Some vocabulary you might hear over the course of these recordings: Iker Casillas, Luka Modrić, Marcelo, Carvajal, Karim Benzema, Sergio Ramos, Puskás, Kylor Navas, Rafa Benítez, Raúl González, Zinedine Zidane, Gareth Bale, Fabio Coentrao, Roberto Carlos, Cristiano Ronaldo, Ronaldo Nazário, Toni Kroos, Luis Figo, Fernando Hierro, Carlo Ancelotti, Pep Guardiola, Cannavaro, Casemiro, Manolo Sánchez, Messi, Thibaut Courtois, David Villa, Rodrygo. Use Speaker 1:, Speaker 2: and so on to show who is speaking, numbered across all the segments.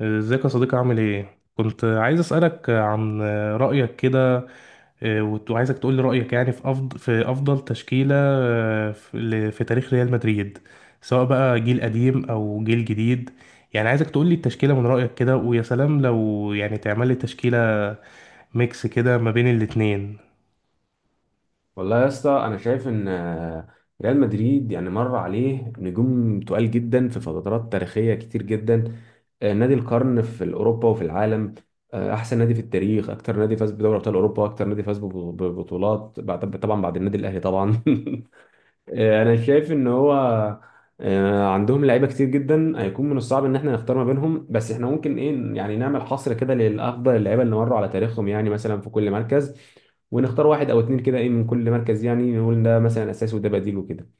Speaker 1: ازيك يا صديقي؟ عامل ايه؟ كنت عايز اسألك عن رأيك كده. وعايزك تقول لي رأيك يعني في أفضل في أفضل تشكيلة، في تاريخ ريال مدريد، سواء بقى جيل قديم أو جيل جديد. يعني عايزك تقول لي التشكيلة من رأيك كده، ويا سلام لو يعني تعمل لي تشكيلة ميكس كده ما بين الاتنين.
Speaker 2: والله يا اسطى، انا شايف ان ريال مدريد يعني مر عليه نجوم تقال جدا في فترات تاريخيه كتير جدا. نادي القرن في اوروبا وفي العالم. احسن نادي في التاريخ، اكتر نادي فاز بدوري ابطال اوروبا، اكتر نادي فاز ببطولات طبعا بعد النادي الاهلي طبعا انا شايف ان هو عندهم لعيبه كتير جدا، هيكون من الصعب ان احنا نختار ما بينهم، بس احنا ممكن ايه يعني نعمل حصر كده للافضل اللعيبه اللي مروا على تاريخهم، يعني مثلا في كل مركز ونختار واحد او اتنين كده ايه من كل مركز، يعني نقول ده مثلا اساسي وده بديل وكده.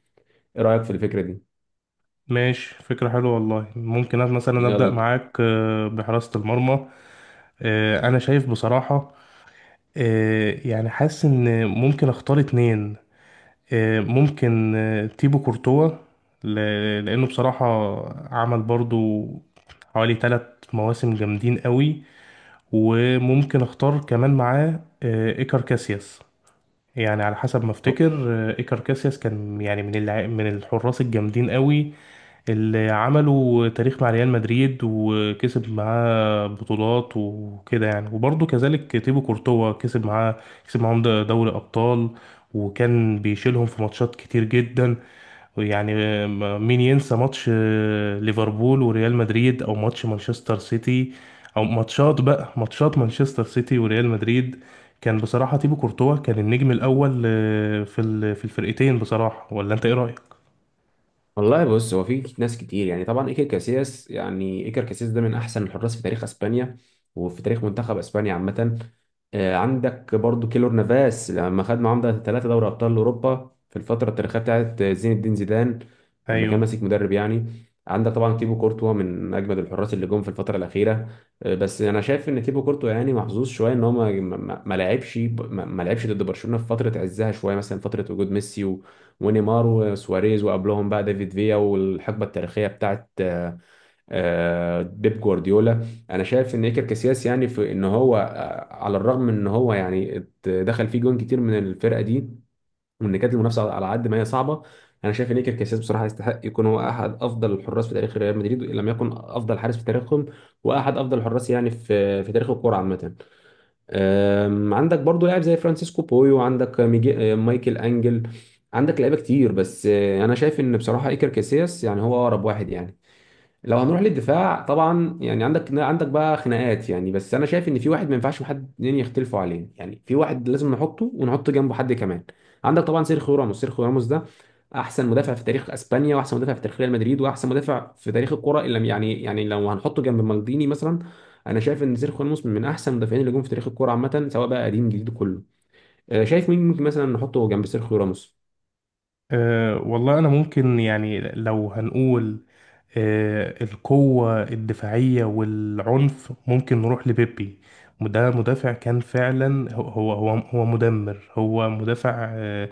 Speaker 2: ايه رايك في الفكره دي؟
Speaker 1: ماشي، فكرة حلوة والله. ممكن أنا مثلا أبدأ
Speaker 2: يلا.
Speaker 1: معاك بحراسة المرمى. اه، أنا شايف بصراحة يعني حاسس ان ممكن اختار اتنين. ممكن تيبو كورتوا، لأنه بصراحة عمل برضو حوالي تلات مواسم جامدين قوي. وممكن اختار كمان معاه إيكار كاسياس. يعني على حسب ما افتكر، إيكار كاسياس كان يعني من الحراس الجامدين قوي اللي عملوا تاريخ مع ريال مدريد، وكسب معاه بطولات وكده. يعني وبرضه كذلك تيبو كورتوا كسب معاه، كسب معاهم دوري أبطال، وكان بيشيلهم في ماتشات كتير جدا. يعني مين ينسى ماتش ليفربول وريال مدريد، أو ماتش مانشستر سيتي، أو ماتشات بقى ماتشات مانشستر سيتي وريال مدريد؟ كان بصراحة تيبو كورتوا كان النجم الأول، في الفرقتين بصراحة. ولا أنت إيه رأيك؟
Speaker 2: والله بص، هو في ناس كتير، يعني طبعا ايكر كاسياس، يعني ايكر كاسياس ده من احسن الحراس في تاريخ اسبانيا وفي تاريخ منتخب اسبانيا عامه. عندك برضو كيلور نافاس لما خد معاهم ده 3 دوري ابطال اوروبا في الفتره التاريخيه بتاعت زين الدين زيدان لما كان
Speaker 1: أيوه.
Speaker 2: ماسك مدرب يعني. عندك طبعا تيبو كورتوا من اجمد الحراس اللي جم في الفتره الاخيره. بس انا شايف ان تيبو كورتوا يعني محظوظ شويه ان هو ما لعبش ما لعبش ضد برشلونه في فتره عزها شويه، مثلا فتره وجود ميسي ونيمار وسواريز، وقبلهم بقى ديفيد فيا والحقبه التاريخيه بتاعت بيب جوارديولا. انا شايف ان ايكر كاسياس يعني في ان هو على الرغم من ان هو يعني دخل فيه جون كتير من الفرقه دي، وان كانت المنافسه على قد ما هي صعبه، انا شايف ان ايكر كاسياس بصراحه يستحق يكون هو احد افضل الحراس في تاريخ ريال مدريد ان لم يكن افضل حارس في تاريخهم، واحد افضل الحراس يعني في تاريخ الكوره عامه. عندك برضو لاعب زي فرانسيسكو بويو، عندك ميجي... أم، مايكل انجل. عندك لعيبه كتير، بس انا شايف ان بصراحه ايكر كاسياس يعني هو اقرب واحد يعني. لو هنروح للدفاع طبعا يعني عندك بقى خناقات يعني، بس انا شايف ان في واحد ما ينفعش حد اتنين يختلفوا عليه، يعني في واحد لازم نحطه ونحط جنبه حد كمان. عندك طبعا سيرخيو راموس، سيرخيو راموس ده احسن مدافع في تاريخ اسبانيا، واحسن مدافع في تاريخ ريال مدريد، واحسن مدافع في تاريخ الكرة اللي يعني لو هنحطه جنب مالديني مثلا. انا شايف ان سيرخيو راموس من احسن المدافعين اللي جم في تاريخ الكرة عامة، سواء بقى قديم جديد كله. شايف مين ممكن مثلا نحطه جنب سيرخيو راموس؟
Speaker 1: أه والله أنا ممكن يعني لو هنقول أه القوة الدفاعية والعنف، ممكن نروح لبيبي. وده مدافع كان فعلا هو هو مدمر. هو مدافع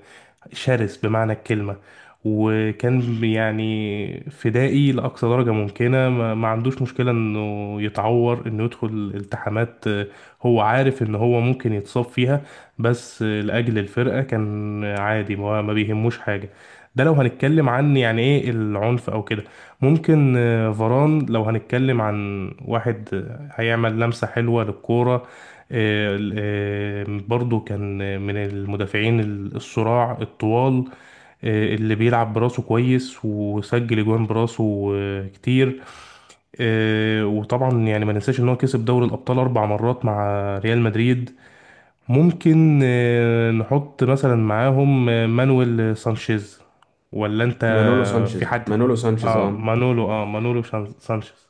Speaker 1: شرس بمعنى الكلمة، وكان يعني فدائي لأقصى درجة ممكنة. ما عندوش مشكلة إنه يتعور، إنه يدخل التحامات. هو عارف إن هو ممكن يتصاب فيها، بس لأجل الفرقة كان عادي، ما بيهموش حاجة. ده لو هنتكلم عن يعني إيه العنف أو كده. ممكن فاران لو هنتكلم عن واحد هيعمل لمسة حلوة للكورة. برضو كان من المدافعين الصراع الطوال، اللي بيلعب براسه كويس وسجل اجوان براسه كتير. وطبعا يعني ما ننساش ان هو كسب دوري الابطال 4 مرات مع ريال مدريد. ممكن نحط مثلا معاهم مانويل سانشيز، ولا انت؟
Speaker 2: مانولو سانشيز،
Speaker 1: في حد؟
Speaker 2: مانولو سانشيز
Speaker 1: اه
Speaker 2: اه.
Speaker 1: مانولو، اه مانولو سانشيز.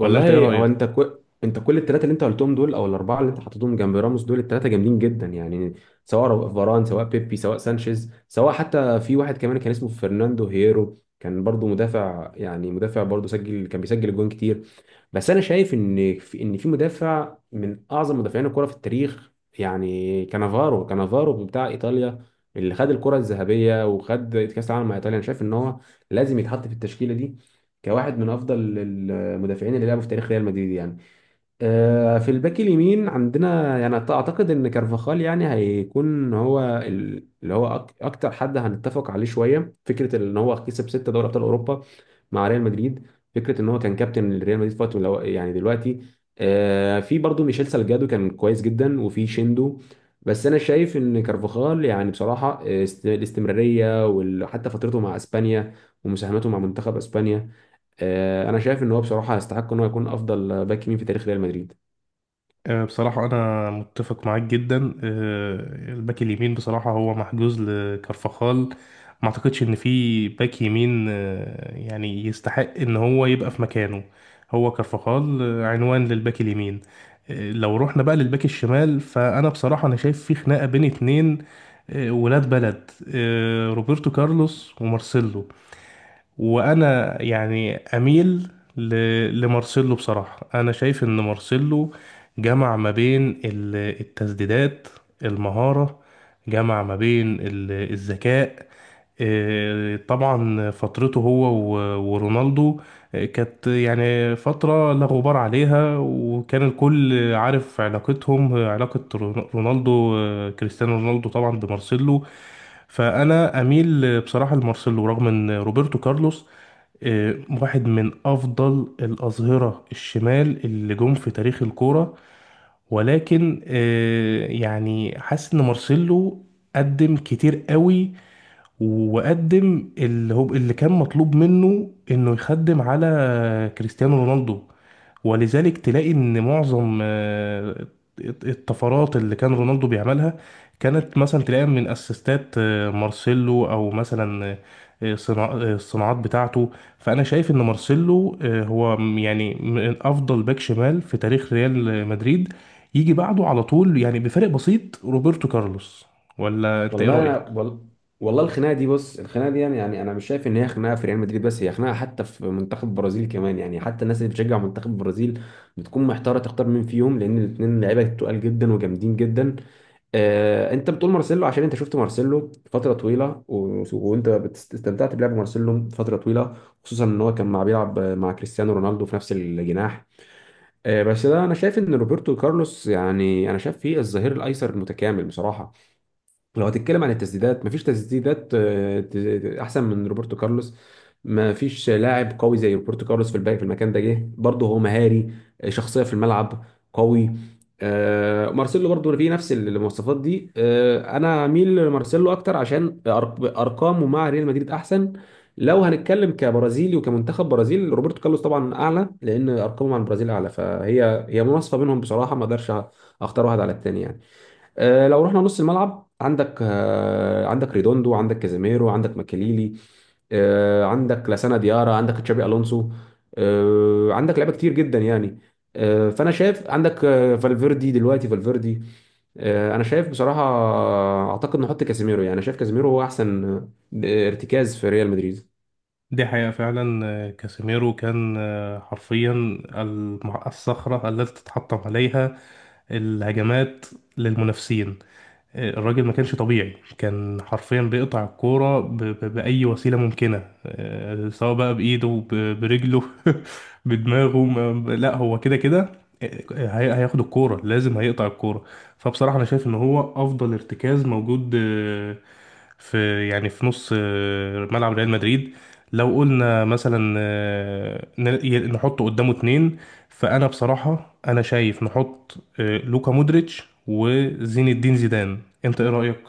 Speaker 1: ولا انت ايه
Speaker 2: هو
Speaker 1: رأيك؟
Speaker 2: انت كل الثلاثه اللي انت قلتهم دول او الاربعه اللي انت حطيتهم جنب راموس دول الثلاثه جامدين جدا يعني، سواء فاران، سواء بيبي، سواء سانشيز، سواء حتى في واحد كمان كان اسمه فرناندو هيرو كان برضو مدافع، يعني مدافع برضو سجل كان بيسجل جوان كتير. بس انا شايف ان في مدافع من اعظم مدافعين الكره في التاريخ، يعني كانافارو، كانافارو بتاع ايطاليا اللي خد الكره الذهبيه وخد كاس العالم مع ايطاليا، انا شايف ان هو لازم يتحط في التشكيله دي كواحد من افضل المدافعين اللي لعبوا في تاريخ ريال مدريد يعني. في الباك اليمين عندنا يعني اعتقد ان كارفاخال يعني هيكون هو اللي هو اكتر حد هنتفق عليه شويه، فكره ان هو كسب 6 دوري ابطال اوروبا مع ريال مدريد، فكره ان هو كان كابتن لريال مدريد فتره من يعني دلوقتي. في برضه ميشيل سالجادو كان كويس جدا، وفي شيندو، بس انا شايف ان كارفاخال يعني بصراحه الاستمراريه وحتى فترته مع اسبانيا ومساهمته مع منتخب اسبانيا، انا شايف ان هو بصراحه يستحق ان هو يكون افضل باك يمين في تاريخ ريال مدريد.
Speaker 1: بصراحة أنا متفق معاك جدا. آه، الباك اليمين بصراحة هو محجوز لكارفاخال. ما أعتقدش إن في باك يمين يعني يستحق إن هو يبقى في مكانه. هو كارفاخال عنوان للباك اليمين. لو رحنا بقى للباك الشمال، فأنا بصراحة أنا شايف في خناقة بين اتنين، ولاد بلد، روبرتو كارلوس ومارسيلو. وانا يعني اميل ل... لمارسيلو. بصراحة انا شايف ان مارسيلو جمع ما بين التسديدات، المهارة، جمع ما بين الذكاء. طبعا فترته هو ورونالدو كانت يعني فترة لا غبار عليها، وكان الكل عارف علاقتهم، رونالدو كريستيانو رونالدو طبعا بمارسيلو. فأنا أميل بصراحة لمارسيلو، رغم إن روبرتو كارلوس آه، واحد من أفضل الأظهرة الشمال اللي جم في تاريخ الكورة. ولكن يعني حاسس إن مارسيلو قدم كتير قوي، وقدم اللي هو اللي كان مطلوب منه انه يخدم على كريستيانو رونالدو. ولذلك تلاقي ان معظم الطفرات اللي كان رونالدو بيعملها كانت مثلا تلاقيها من اسيستات مارسيلو، او مثلا الصناعات بتاعته. فانا شايف ان مارسيلو يعني من افضل باك شمال في تاريخ ريال مدريد، يجي بعده على طول يعني بفرق بسيط روبرتو كارلوس. ولا انت ايه
Speaker 2: والله
Speaker 1: رأيك؟
Speaker 2: انا وال... والله الخناقه دي، بص الخناقه دي يعني، يعني انا مش شايف ان هي خناقه في ريال مدريد بس، هي خناقه حتى في منتخب البرازيل كمان يعني، حتى الناس اللي بتشجع منتخب البرازيل بتكون محتاره تختار مين فيهم لان الاثنين لعيبه تقال جدا وجامدين جدا. انت بتقول مارسيلو عشان انت شفت مارسيلو فتره طويله وانت استمتعت بلعب مارسيلو فتره طويله، خصوصا ان هو كان مع بيلعب مع كريستيانو رونالدو في نفس الجناح. بس ده انا شايف ان روبرتو كارلوس، يعني انا شايف فيه الظهير الايسر المتكامل بصراحه. لو هتتكلم عن التسديدات مفيش تسديدات احسن من روبرتو كارلوس، مفيش لاعب قوي زي روبرتو كارلوس في الباقي في المكان ده، جه برضه هو مهاري، شخصيه في الملعب، قوي. مارسيلو برضه فيه نفس المواصفات دي، انا اميل لمارسيلو اكتر عشان ارقامه مع ريال مدريد احسن. لو هنتكلم كبرازيلي وكمنتخب برازيل روبرتو كارلوس طبعا اعلى، لان ارقامه مع البرازيل اعلى، فهي هي مناصفه بينهم بصراحه، ما اقدرش اختار واحد على التاني يعني. لو رحنا نص الملعب، عندك ريدوندو، عندك كازيميرو، عندك ماكاليلي، عندك لاسانا ديارا، عندك تشابي الونسو، عندك لعيبه كتير جدا يعني. فانا شايف عندك فالفيردي، دلوقتي فالفيردي. انا شايف بصراحه اعتقد نحط كازيميرو، يعني انا شايف كازيميرو هو احسن ارتكاز في ريال مدريد.
Speaker 1: دي حقيقة فعلا. كاسيميرو كان حرفيا الصخرة التي تتحطم عليها الهجمات للمنافسين. الراجل ما كانش طبيعي، كان حرفيا بيقطع الكورة بأي وسيلة ممكنة، سواء بقى بإيده، برجله، بدماغه، لا هو كده كده، هياخد الكورة لازم هيقطع الكورة. فبصراحة أنا شايف إن هو أفضل ارتكاز موجود في يعني في نص ملعب ريال مدريد. لو قلنا مثلا نحطه قدامه اتنين، فانا بصراحه انا شايف نحط لوكا مودريتش وزين الدين زيدان. انت ايه رايك؟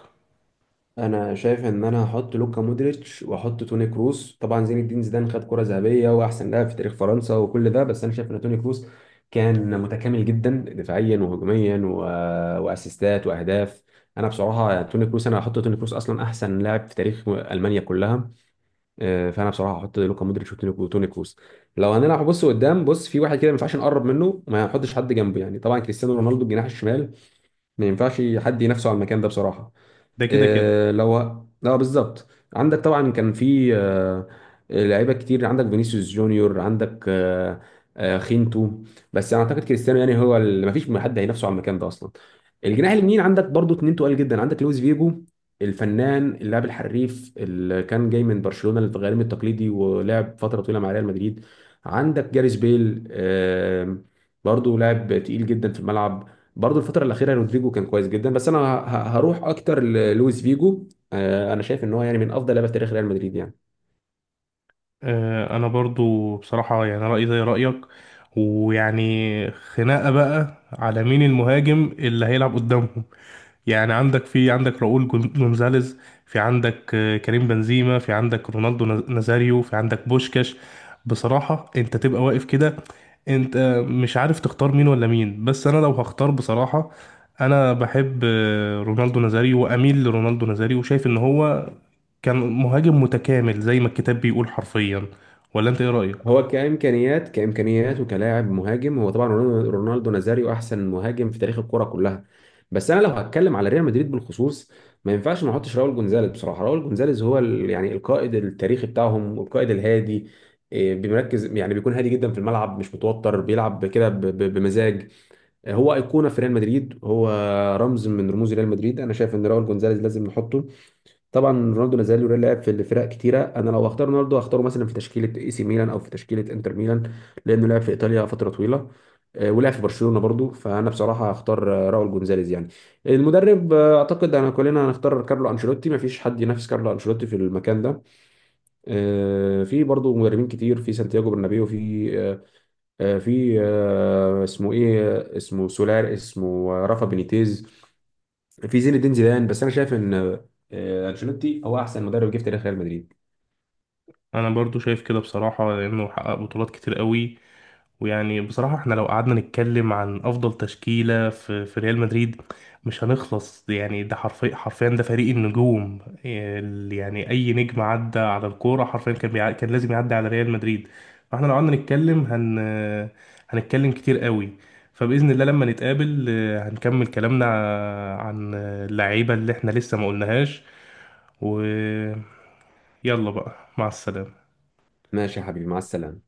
Speaker 2: انا شايف ان انا هحط لوكا مودريتش واحط توني كروس، طبعا زين الدين زيدان خد كرة ذهبية واحسن لاعب في تاريخ فرنسا وكل ده، بس انا شايف ان توني كروس كان متكامل جدا دفاعيا وهجوميا واسيستات واهداف. انا بصراحة توني كروس انا هحط توني كروس اصلا احسن لاعب في تاريخ المانيا كلها. فانا بصراحة هحط لوكا مودريتش وتوني كروس. لو هنلعب بص قدام، بص في واحد كده ما ينفعش نقرب منه، ما هنحطش حد جنبه يعني، طبعا كريستيانو رونالدو الجناح الشمال، ما ينفعش حد ينافسه على المكان ده بصراحة.
Speaker 1: ده كده كده.
Speaker 2: آه، لو لا، بالظبط. عندك طبعا كان في لعيبه كتير، عندك فينيسيوس جونيور، عندك خينتو. بس انا اعتقد كريستيانو يعني هو اللي ما فيش حد هينافسه على المكان ده اصلا. الجناح اليمين عندك برضو اتنين تقال جدا، عندك لويس فيجو، الفنان اللاعب الحريف اللي كان جاي من برشلونه الغريم التقليدي ولعب فتره طويله مع ريال مدريد. عندك جاريس بيل، برضو لاعب تقيل جدا في الملعب، برضو الفترة الأخيرة رودريجو كان كويس جدا، بس أنا هروح أكتر للويس فيجو. أنا شايف إن هو يعني من أفضل لعيبة في تاريخ ريال مدريد يعني.
Speaker 1: انا برضو بصراحه يعني رايي زي رايك. ويعني خناقه بقى على مين المهاجم اللي هيلعب قدامهم. يعني في عندك جونزاليز، في عندك كريم بنزيما، في عندك نازاريو، في عندك بوشكاش. بصراحة انت تبقى واقف كده، انت مش عارف تختار مين ولا مين. بس انا لو هختار بصراحة، انا بحب رونالدو نازاريو، واميل لرونالدو نازاريو، وشايف ان هو كان مهاجم متكامل زي ما الكتاب بيقول حرفيا. ولا انت ايه رأيك؟
Speaker 2: هو كإمكانيات، كإمكانيات وكلاعب مهاجم، هو طبعا رونالدو، رونالدو نازاريو أحسن مهاجم في تاريخ الكرة كلها. بس أنا لو هتكلم على ريال مدريد بالخصوص ما ينفعش ما احطش راؤول جونزاليز، بصراحة راؤول جونزاليز هو يعني القائد التاريخي بتاعهم والقائد الهادي، بيركز، يعني بيكون هادي جدا في الملعب، مش متوتر، بيلعب كده بمزاج. هو ايقونه في ريال مدريد، هو رمز من رموز ريال مدريد، انا شايف ان راول جونزاليز لازم نحطه. طبعا رونالدو لازال لعب في فرق كتيره، انا لو اختار رونالدو هختاره مثلا في تشكيله A C ميلان او في تشكيله انتر ميلان، لانه لعب في ايطاليا فتره طويله، ولعب في برشلونه برضو، فانا بصراحه هختار راول جونزاليز يعني. المدرب اعتقد انا كلنا هنختار كارلو انشيلوتي، ما فيش حد ينافس كارلو انشيلوتي في المكان ده. في برضو مدربين كتير في سانتياغو برنابيو، في اسمه ايه، اسمه سولار، اسمه رافا بينيتيز، في زين الدين زيدان، بس انا شايف ان انشيلوتي هو احسن مدرب جه في تاريخ ريال مدريد.
Speaker 1: انا برضو شايف كده بصراحة، لانه حقق بطولات كتير قوي. ويعني بصراحة احنا لو قعدنا نتكلم عن أفضل تشكيلة في ريال مدريد مش هنخلص. يعني ده حرفيا حرفيا ده فريق النجوم. يعني أي نجم عدى على الكورة حرفيا كان كان لازم يعدي على ريال مدريد. فاحنا لو قعدنا هنتكلم كتير قوي. فبإذن الله لما نتقابل هنكمل كلامنا عن اللعيبة اللي احنا لسه ما قلناهاش. ويلا بقى، مع السلامة.
Speaker 2: ماشي يا حبيبي، مع السلامه.